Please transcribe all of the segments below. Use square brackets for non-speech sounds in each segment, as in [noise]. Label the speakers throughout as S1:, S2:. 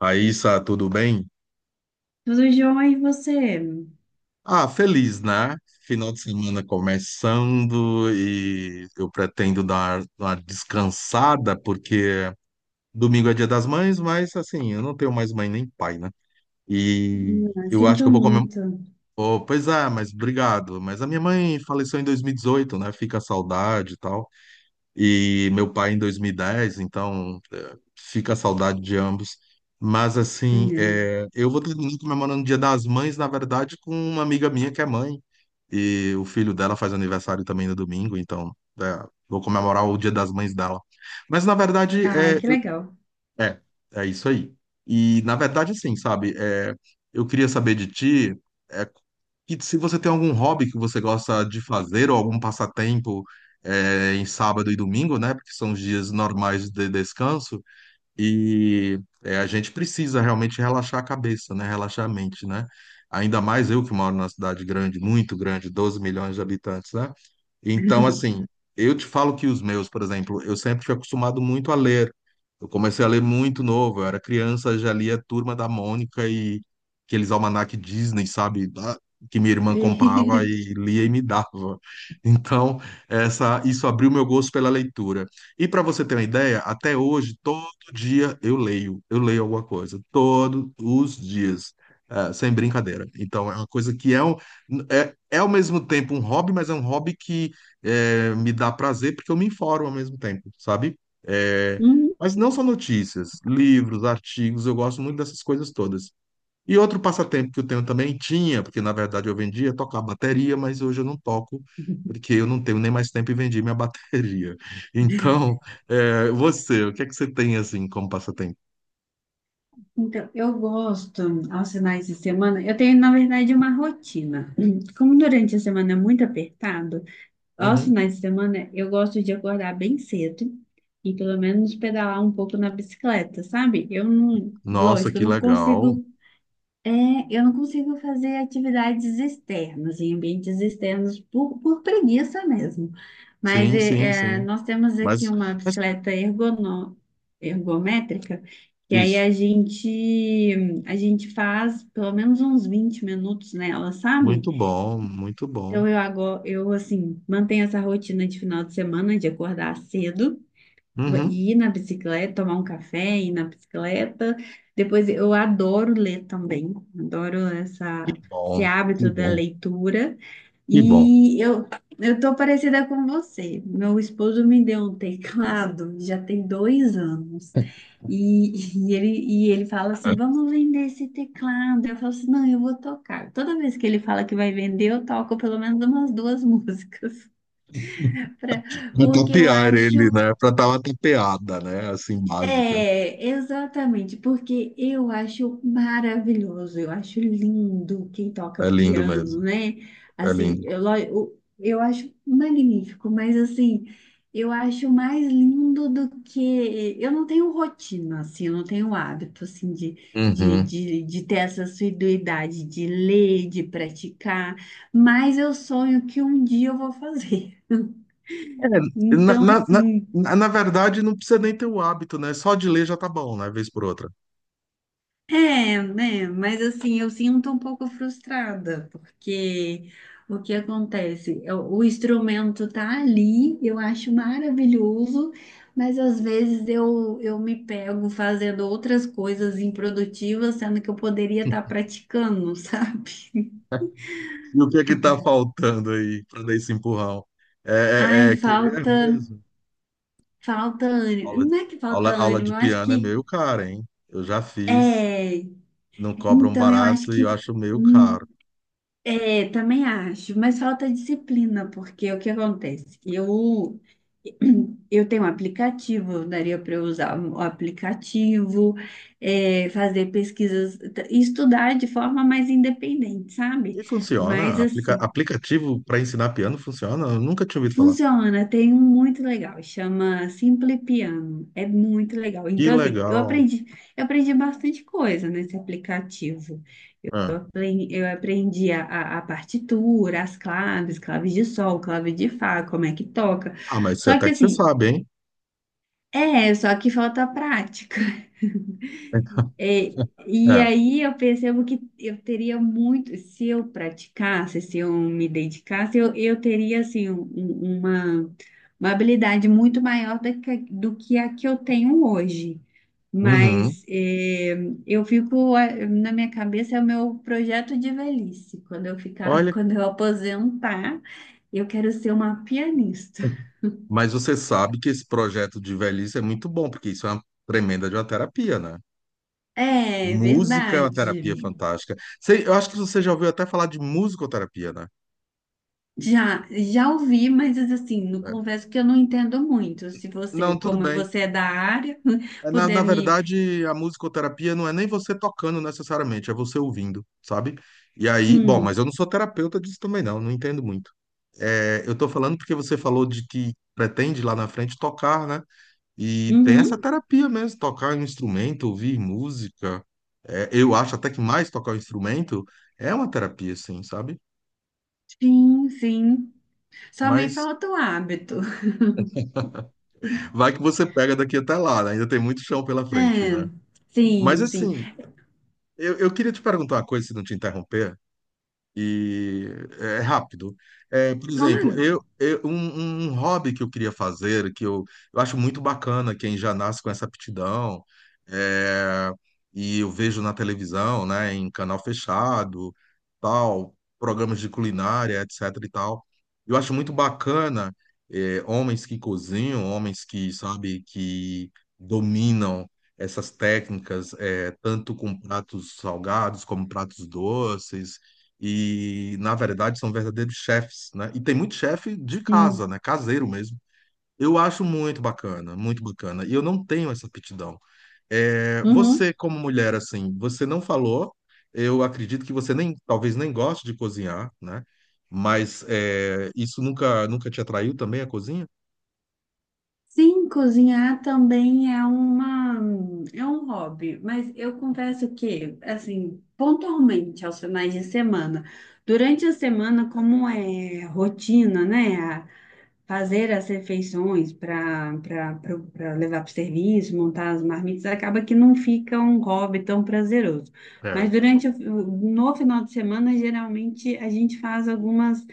S1: Raíssa, tudo bem?
S2: Tudo jóia e você?
S1: Ah, feliz, né? Final de semana começando e eu pretendo dar uma descansada, porque domingo é dia das mães, mas assim, eu não tenho mais mãe nem pai, né? E
S2: Ah,
S1: eu acho que
S2: sinto
S1: eu vou comer.
S2: muito.
S1: Oh, pois é, mas obrigado. Mas a minha mãe faleceu em 2018, né? Fica a saudade e tal. E meu pai em 2010, então fica a saudade de ambos. Mas assim,
S2: É.
S1: eu vou terminar comemorando o Dia das Mães, na verdade, com uma amiga minha que é mãe. E o filho dela faz aniversário também no domingo, então eh, vou comemorar o Dia das Mães dela. Mas na verdade,
S2: Ah, que legal.
S1: é, é isso aí. E, na verdade, assim, sabe, é, eu queria saber de ti, é, que se você tem algum hobby que você gosta de fazer, ou algum passatempo, é, em sábado e domingo, né, porque são os dias normais de descanso, e é, a gente precisa realmente relaxar a cabeça, né? Relaxar a mente, né? Ainda mais eu que moro numa cidade grande, muito grande, 12 milhões de habitantes, né? Então, assim,
S2: [laughs]
S1: eu te falo que os meus, por exemplo, eu sempre fui acostumado muito a ler. Eu comecei a ler muito novo, eu era criança, já lia Turma da Mônica e aqueles almanac Disney, sabe? Que minha irmã comprava e lia e me dava. [laughs] Então, isso abriu meu gosto pela leitura. E para você ter uma ideia, até hoje, dia eu leio alguma coisa, todos os dias, sem brincadeira. Então, é uma coisa que é, um, é, é ao mesmo tempo um hobby, mas é um hobby que me dá prazer porque eu me informo ao mesmo tempo, sabe? Eh,
S2: Hum,
S1: mas não só notícias, livros, artigos, eu gosto muito dessas coisas todas. E outro passatempo que eu tenho também tinha, porque na verdade eu vendia, tocar bateria, mas hoje eu não toco, porque eu não tenho nem mais tempo e vendi minha [laughs] bateria. Então, é, você, o que é que você tem assim como passatempo?
S2: Então, eu gosto aos finais de semana. Eu tenho, na verdade, uma rotina. Como durante a semana é muito apertado, aos
S1: Uhum.
S2: finais de semana eu gosto de acordar bem cedo e pelo menos pedalar um pouco na bicicleta, sabe? Eu não,
S1: Nossa,
S2: lógico, eu
S1: que
S2: não
S1: legal.
S2: consigo. É, eu não consigo fazer atividades externas, em ambientes externos, por preguiça mesmo. Mas
S1: Sim, sim, sim.
S2: nós temos aqui
S1: Mas,
S2: uma
S1: mas
S2: bicicleta ergométrica, que aí
S1: isso.
S2: a gente faz pelo menos uns 20 minutos nela, sabe?
S1: Muito bom, muito bom.
S2: Então eu agora, eu assim, mantenho essa rotina de final de semana, de acordar cedo,
S1: Uhum.
S2: ir na bicicleta, tomar um café, ir na bicicleta. Depois eu adoro ler também, adoro
S1: Que
S2: essa, esse
S1: bom, que
S2: hábito da
S1: bom,
S2: leitura.
S1: que bom.
S2: E eu tô parecida com você. Meu esposo me deu um teclado, [laughs] já tem 2 anos. E ele fala
S1: É,
S2: assim: vamos vender esse teclado. Eu falo assim: não, eu vou tocar. Toda vez que ele fala que vai vender, eu toco pelo menos umas duas [laughs] músicas. pra-
S1: pra
S2: porque eu
S1: tapear ele,
S2: acho.
S1: né? Pra dar uma tapeada, né? Assim, básica.
S2: É, exatamente, porque eu acho maravilhoso, eu acho lindo quem toca
S1: É lindo
S2: piano,
S1: mesmo.
S2: né?
S1: É
S2: Assim,
S1: lindo.
S2: eu, eu acho magnífico, mas assim, eu acho mais lindo do que. Eu não tenho rotina, assim, eu não tenho hábito, assim, de, de,
S1: Uhum.
S2: de, de ter essa assiduidade de ler, de praticar, mas eu sonho que um dia eu vou fazer. [laughs]
S1: É, na,
S2: Então,
S1: na, na,
S2: assim.
S1: na verdade, não precisa nem ter o hábito, né? Só de ler já tá bom, né? Vez por outra.
S2: É, né? Mas assim, eu sinto um pouco frustrada, porque o que acontece? O instrumento tá ali, eu acho maravilhoso, mas às vezes eu me pego fazendo outras coisas improdutivas, sendo que eu poderia estar praticando, [laughs] sabe?
S1: E o que é que tá faltando aí para dar esse empurrão? É,
S2: Ai,
S1: é, é querer
S2: falta,
S1: mesmo.
S2: falta
S1: Aula,
S2: ânimo. Não é que falta
S1: aula
S2: ânimo,
S1: de
S2: eu acho
S1: piano é
S2: que
S1: meio cara, hein? Eu já fiz,
S2: é.
S1: não cobram
S2: Então eu acho
S1: barato e
S2: que
S1: eu acho meio
S2: hum,
S1: caro.
S2: é, também acho, mas falta disciplina, porque o que acontece? Eu, [clears throat] eu tenho um aplicativo, daria para eu usar o aplicativo, é, fazer pesquisas, estudar de forma mais independente,
S1: E
S2: sabe? Mas
S1: funciona?
S2: assim,
S1: Aplicativo para ensinar piano funciona? Eu nunca tinha ouvido falar.
S2: funciona, tem um muito legal, chama Simple Piano, é muito legal.
S1: Que
S2: Então, assim,
S1: legal.
S2: eu aprendi bastante coisa nesse aplicativo. Eu
S1: Ah,
S2: aprendi a, a partitura, as claves, claves de sol, clave de fá, como é que toca.
S1: Ah, mas
S2: Só que
S1: até que você
S2: assim,
S1: sabe, hein?
S2: é, só que falta prática.
S1: [laughs]
S2: É, e
S1: É.
S2: aí eu percebo que eu teria muito, se eu praticasse, se eu me dedicasse, eu teria assim uma habilidade muito maior do que a que eu tenho hoje.
S1: Uhum.
S2: Mas é, eu fico é, na minha cabeça é o meu projeto de velhice. Quando eu ficar, [laughs]
S1: Olha.
S2: quando eu aposentar, eu quero ser uma pianista.
S1: Mas você sabe que esse projeto de velhice é muito bom, porque isso é uma tremenda de uma terapia, né?
S2: É
S1: Música é uma
S2: verdade.
S1: terapia fantástica. Você- eu acho que você já ouviu até falar de musicoterapia, né?
S2: Já, já ouvi, mas assim, não,
S1: É.
S2: confesso que eu não entendo muito. Se você,
S1: Não, tudo
S2: como
S1: bem.
S2: você é da área,
S1: É,
S2: [laughs]
S1: na
S2: puder me.
S1: verdade, a musicoterapia não é nem você tocando necessariamente, é você ouvindo, sabe? E aí, bom, mas eu
S2: Hum,
S1: não sou terapeuta disso também, não, não entendo muito. É, eu tô falando porque você falou de que pretende lá na frente tocar, né? E tem essa
S2: uhum,
S1: terapia mesmo, tocar um instrumento, ouvir música. É, eu acho até que mais tocar o instrumento é uma terapia, assim, sabe?
S2: sim, sim. Só me
S1: Mas
S2: falta o hábito.
S1: vai que você pega daqui até lá, né? Ainda tem muito chão pela frente, né?
S2: É,
S1: Mas
S2: sim, sim.
S1: assim, eu queria te perguntar uma coisa, se não te interromper. E é é rápido. É, por exemplo,
S2: Claro,
S1: um, um hobby que eu queria fazer, que eu acho muito bacana quem já nasce com essa aptidão, é, e eu vejo na televisão, né, em canal fechado, tal, programas de culinária, etc e tal. Eu acho muito bacana, é, homens que cozinham, homens que, sabe, que dominam essas técnicas, é, tanto com pratos salgados como pratos doces, e na verdade são verdadeiros chefes, né? E tem muito chefe de casa,
S2: sim.
S1: né? Caseiro mesmo. Eu acho muito bacana, muito bacana. E eu não tenho essa aptidão. É,
S2: Uhum.
S1: você, como mulher, assim, você não falou. Eu acredito que você nem, talvez nem goste de cozinhar, né? Mas é, isso nunca, nunca te atraiu também a cozinha?
S2: Sim, cozinhar também é uma, é um hobby, mas eu confesso que, assim, pontualmente aos finais de semana, durante a semana, como é rotina, né? Fazer as refeições para para levar para o serviço, montar as marmitas, acaba que não fica um hobby tão prazeroso.
S1: É,
S2: Mas durante o, no final de semana, geralmente a gente faz algumas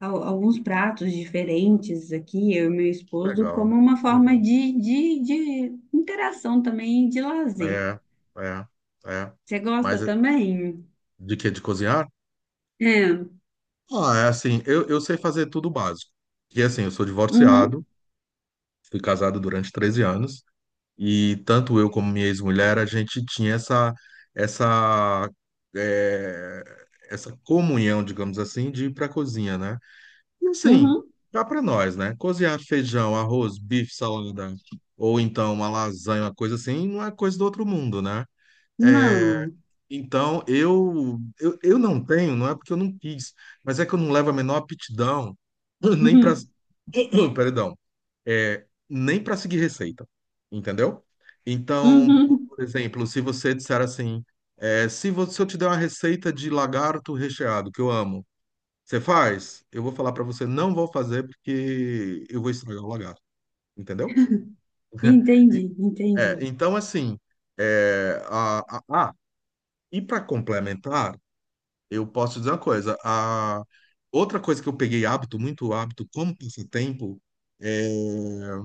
S2: alguns pratos diferentes aqui, eu e meu
S1: que
S2: esposo,
S1: legal,
S2: como uma
S1: que
S2: forma
S1: legal.
S2: de, de interação também, e de lazer.
S1: É, é, é.
S2: Você gosta
S1: Mas é,
S2: também?
S1: de que de cozinhar?
S2: É.
S1: Ah, é assim, eu sei fazer tudo básico. Que assim, eu sou divorciado,
S2: Uhum,
S1: fui casado durante 13 anos e tanto eu como minha ex-mulher, a gente tinha essa, essa, eh, essa comunhão, digamos assim, de ir para a cozinha, né? E assim,
S2: uhum.
S1: dá para nós, né? Cozinhar feijão, arroz, bife, salada, ou então uma lasanha, uma coisa assim, não é coisa do outro mundo, né? Eh,
S2: Não. [laughs]
S1: então, eu não tenho, não é porque eu não quis, mas é que eu não levo a menor aptidão, [clears throat] nem para...
S2: Uhum,
S1: [clears throat] Perdão, é, nem para seguir receita, entendeu? Então,
S2: uhum.
S1: por exemplo, se você disser assim, é, se você, se eu te der uma receita de lagarto recheado, que eu amo, você faz? Eu vou falar para você, não vou fazer porque eu vou estragar o lagarto, entendeu? [laughs] E-
S2: Entendi,
S1: é,
S2: entendi.
S1: então, assim, é, a- ah, e para complementar, eu posso dizer uma coisa. A outra coisa que eu peguei hábito, muito hábito, como passatempo, é,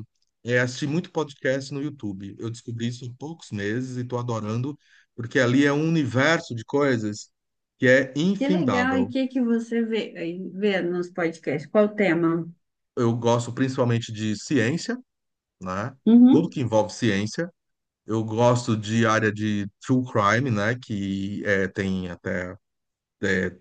S1: é assistir muito podcast no YouTube. Eu descobri isso em poucos meses e estou adorando, porque ali é um universo de coisas que é
S2: Que legal, e o
S1: infindável.
S2: que que você vê, aí vê nos podcasts? Qual o tema?
S1: Eu gosto principalmente de ciência, né? Tudo que
S2: Uhum,
S1: envolve ciência. Eu gosto de área de true crime, né? Que é, tem até é,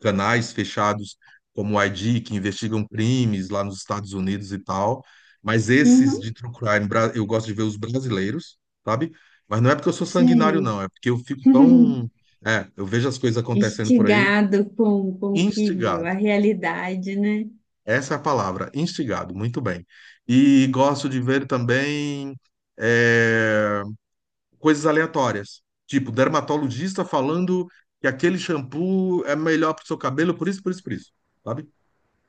S1: canais fechados como o ID, que investigam crimes lá nos Estados Unidos e tal. Mas esses
S2: uhum.
S1: de true crime, eu gosto de ver os brasileiros, sabe? Mas não é porque eu sou sanguinário,
S2: Sei.
S1: não. É porque eu fico
S2: [laughs]
S1: tão. É, eu vejo as coisas acontecendo por aí,
S2: Instigado com que
S1: instigado.
S2: a realidade, né?
S1: Essa é a palavra, instigado. Muito bem. E gosto de ver também é, coisas aleatórias. Tipo, dermatologista falando que aquele shampoo é melhor para o seu cabelo, por isso, por isso, por isso. Sabe?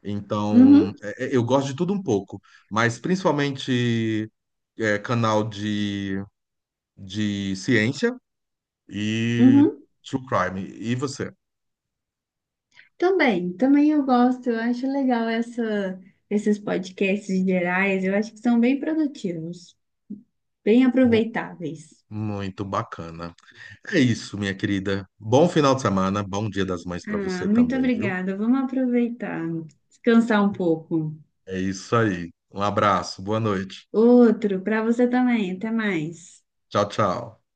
S1: Então,
S2: Uhum,
S1: eu gosto de tudo um pouco, mas principalmente é, canal de ciência e
S2: uhum.
S1: true crime. E você?
S2: Também, também eu gosto, eu acho legal essa, esses podcasts gerais, eu acho que são bem produtivos, bem
S1: Mu-
S2: aproveitáveis.
S1: muito bacana. É isso, minha querida. Bom final de semana, bom Dia das Mães para
S2: Ah,
S1: você
S2: muito
S1: também, viu?
S2: obrigada, vamos aproveitar, descansar um pouco.
S1: É isso aí. Um abraço, boa noite.
S2: Outro para você também, até mais.
S1: Tchau, tchau.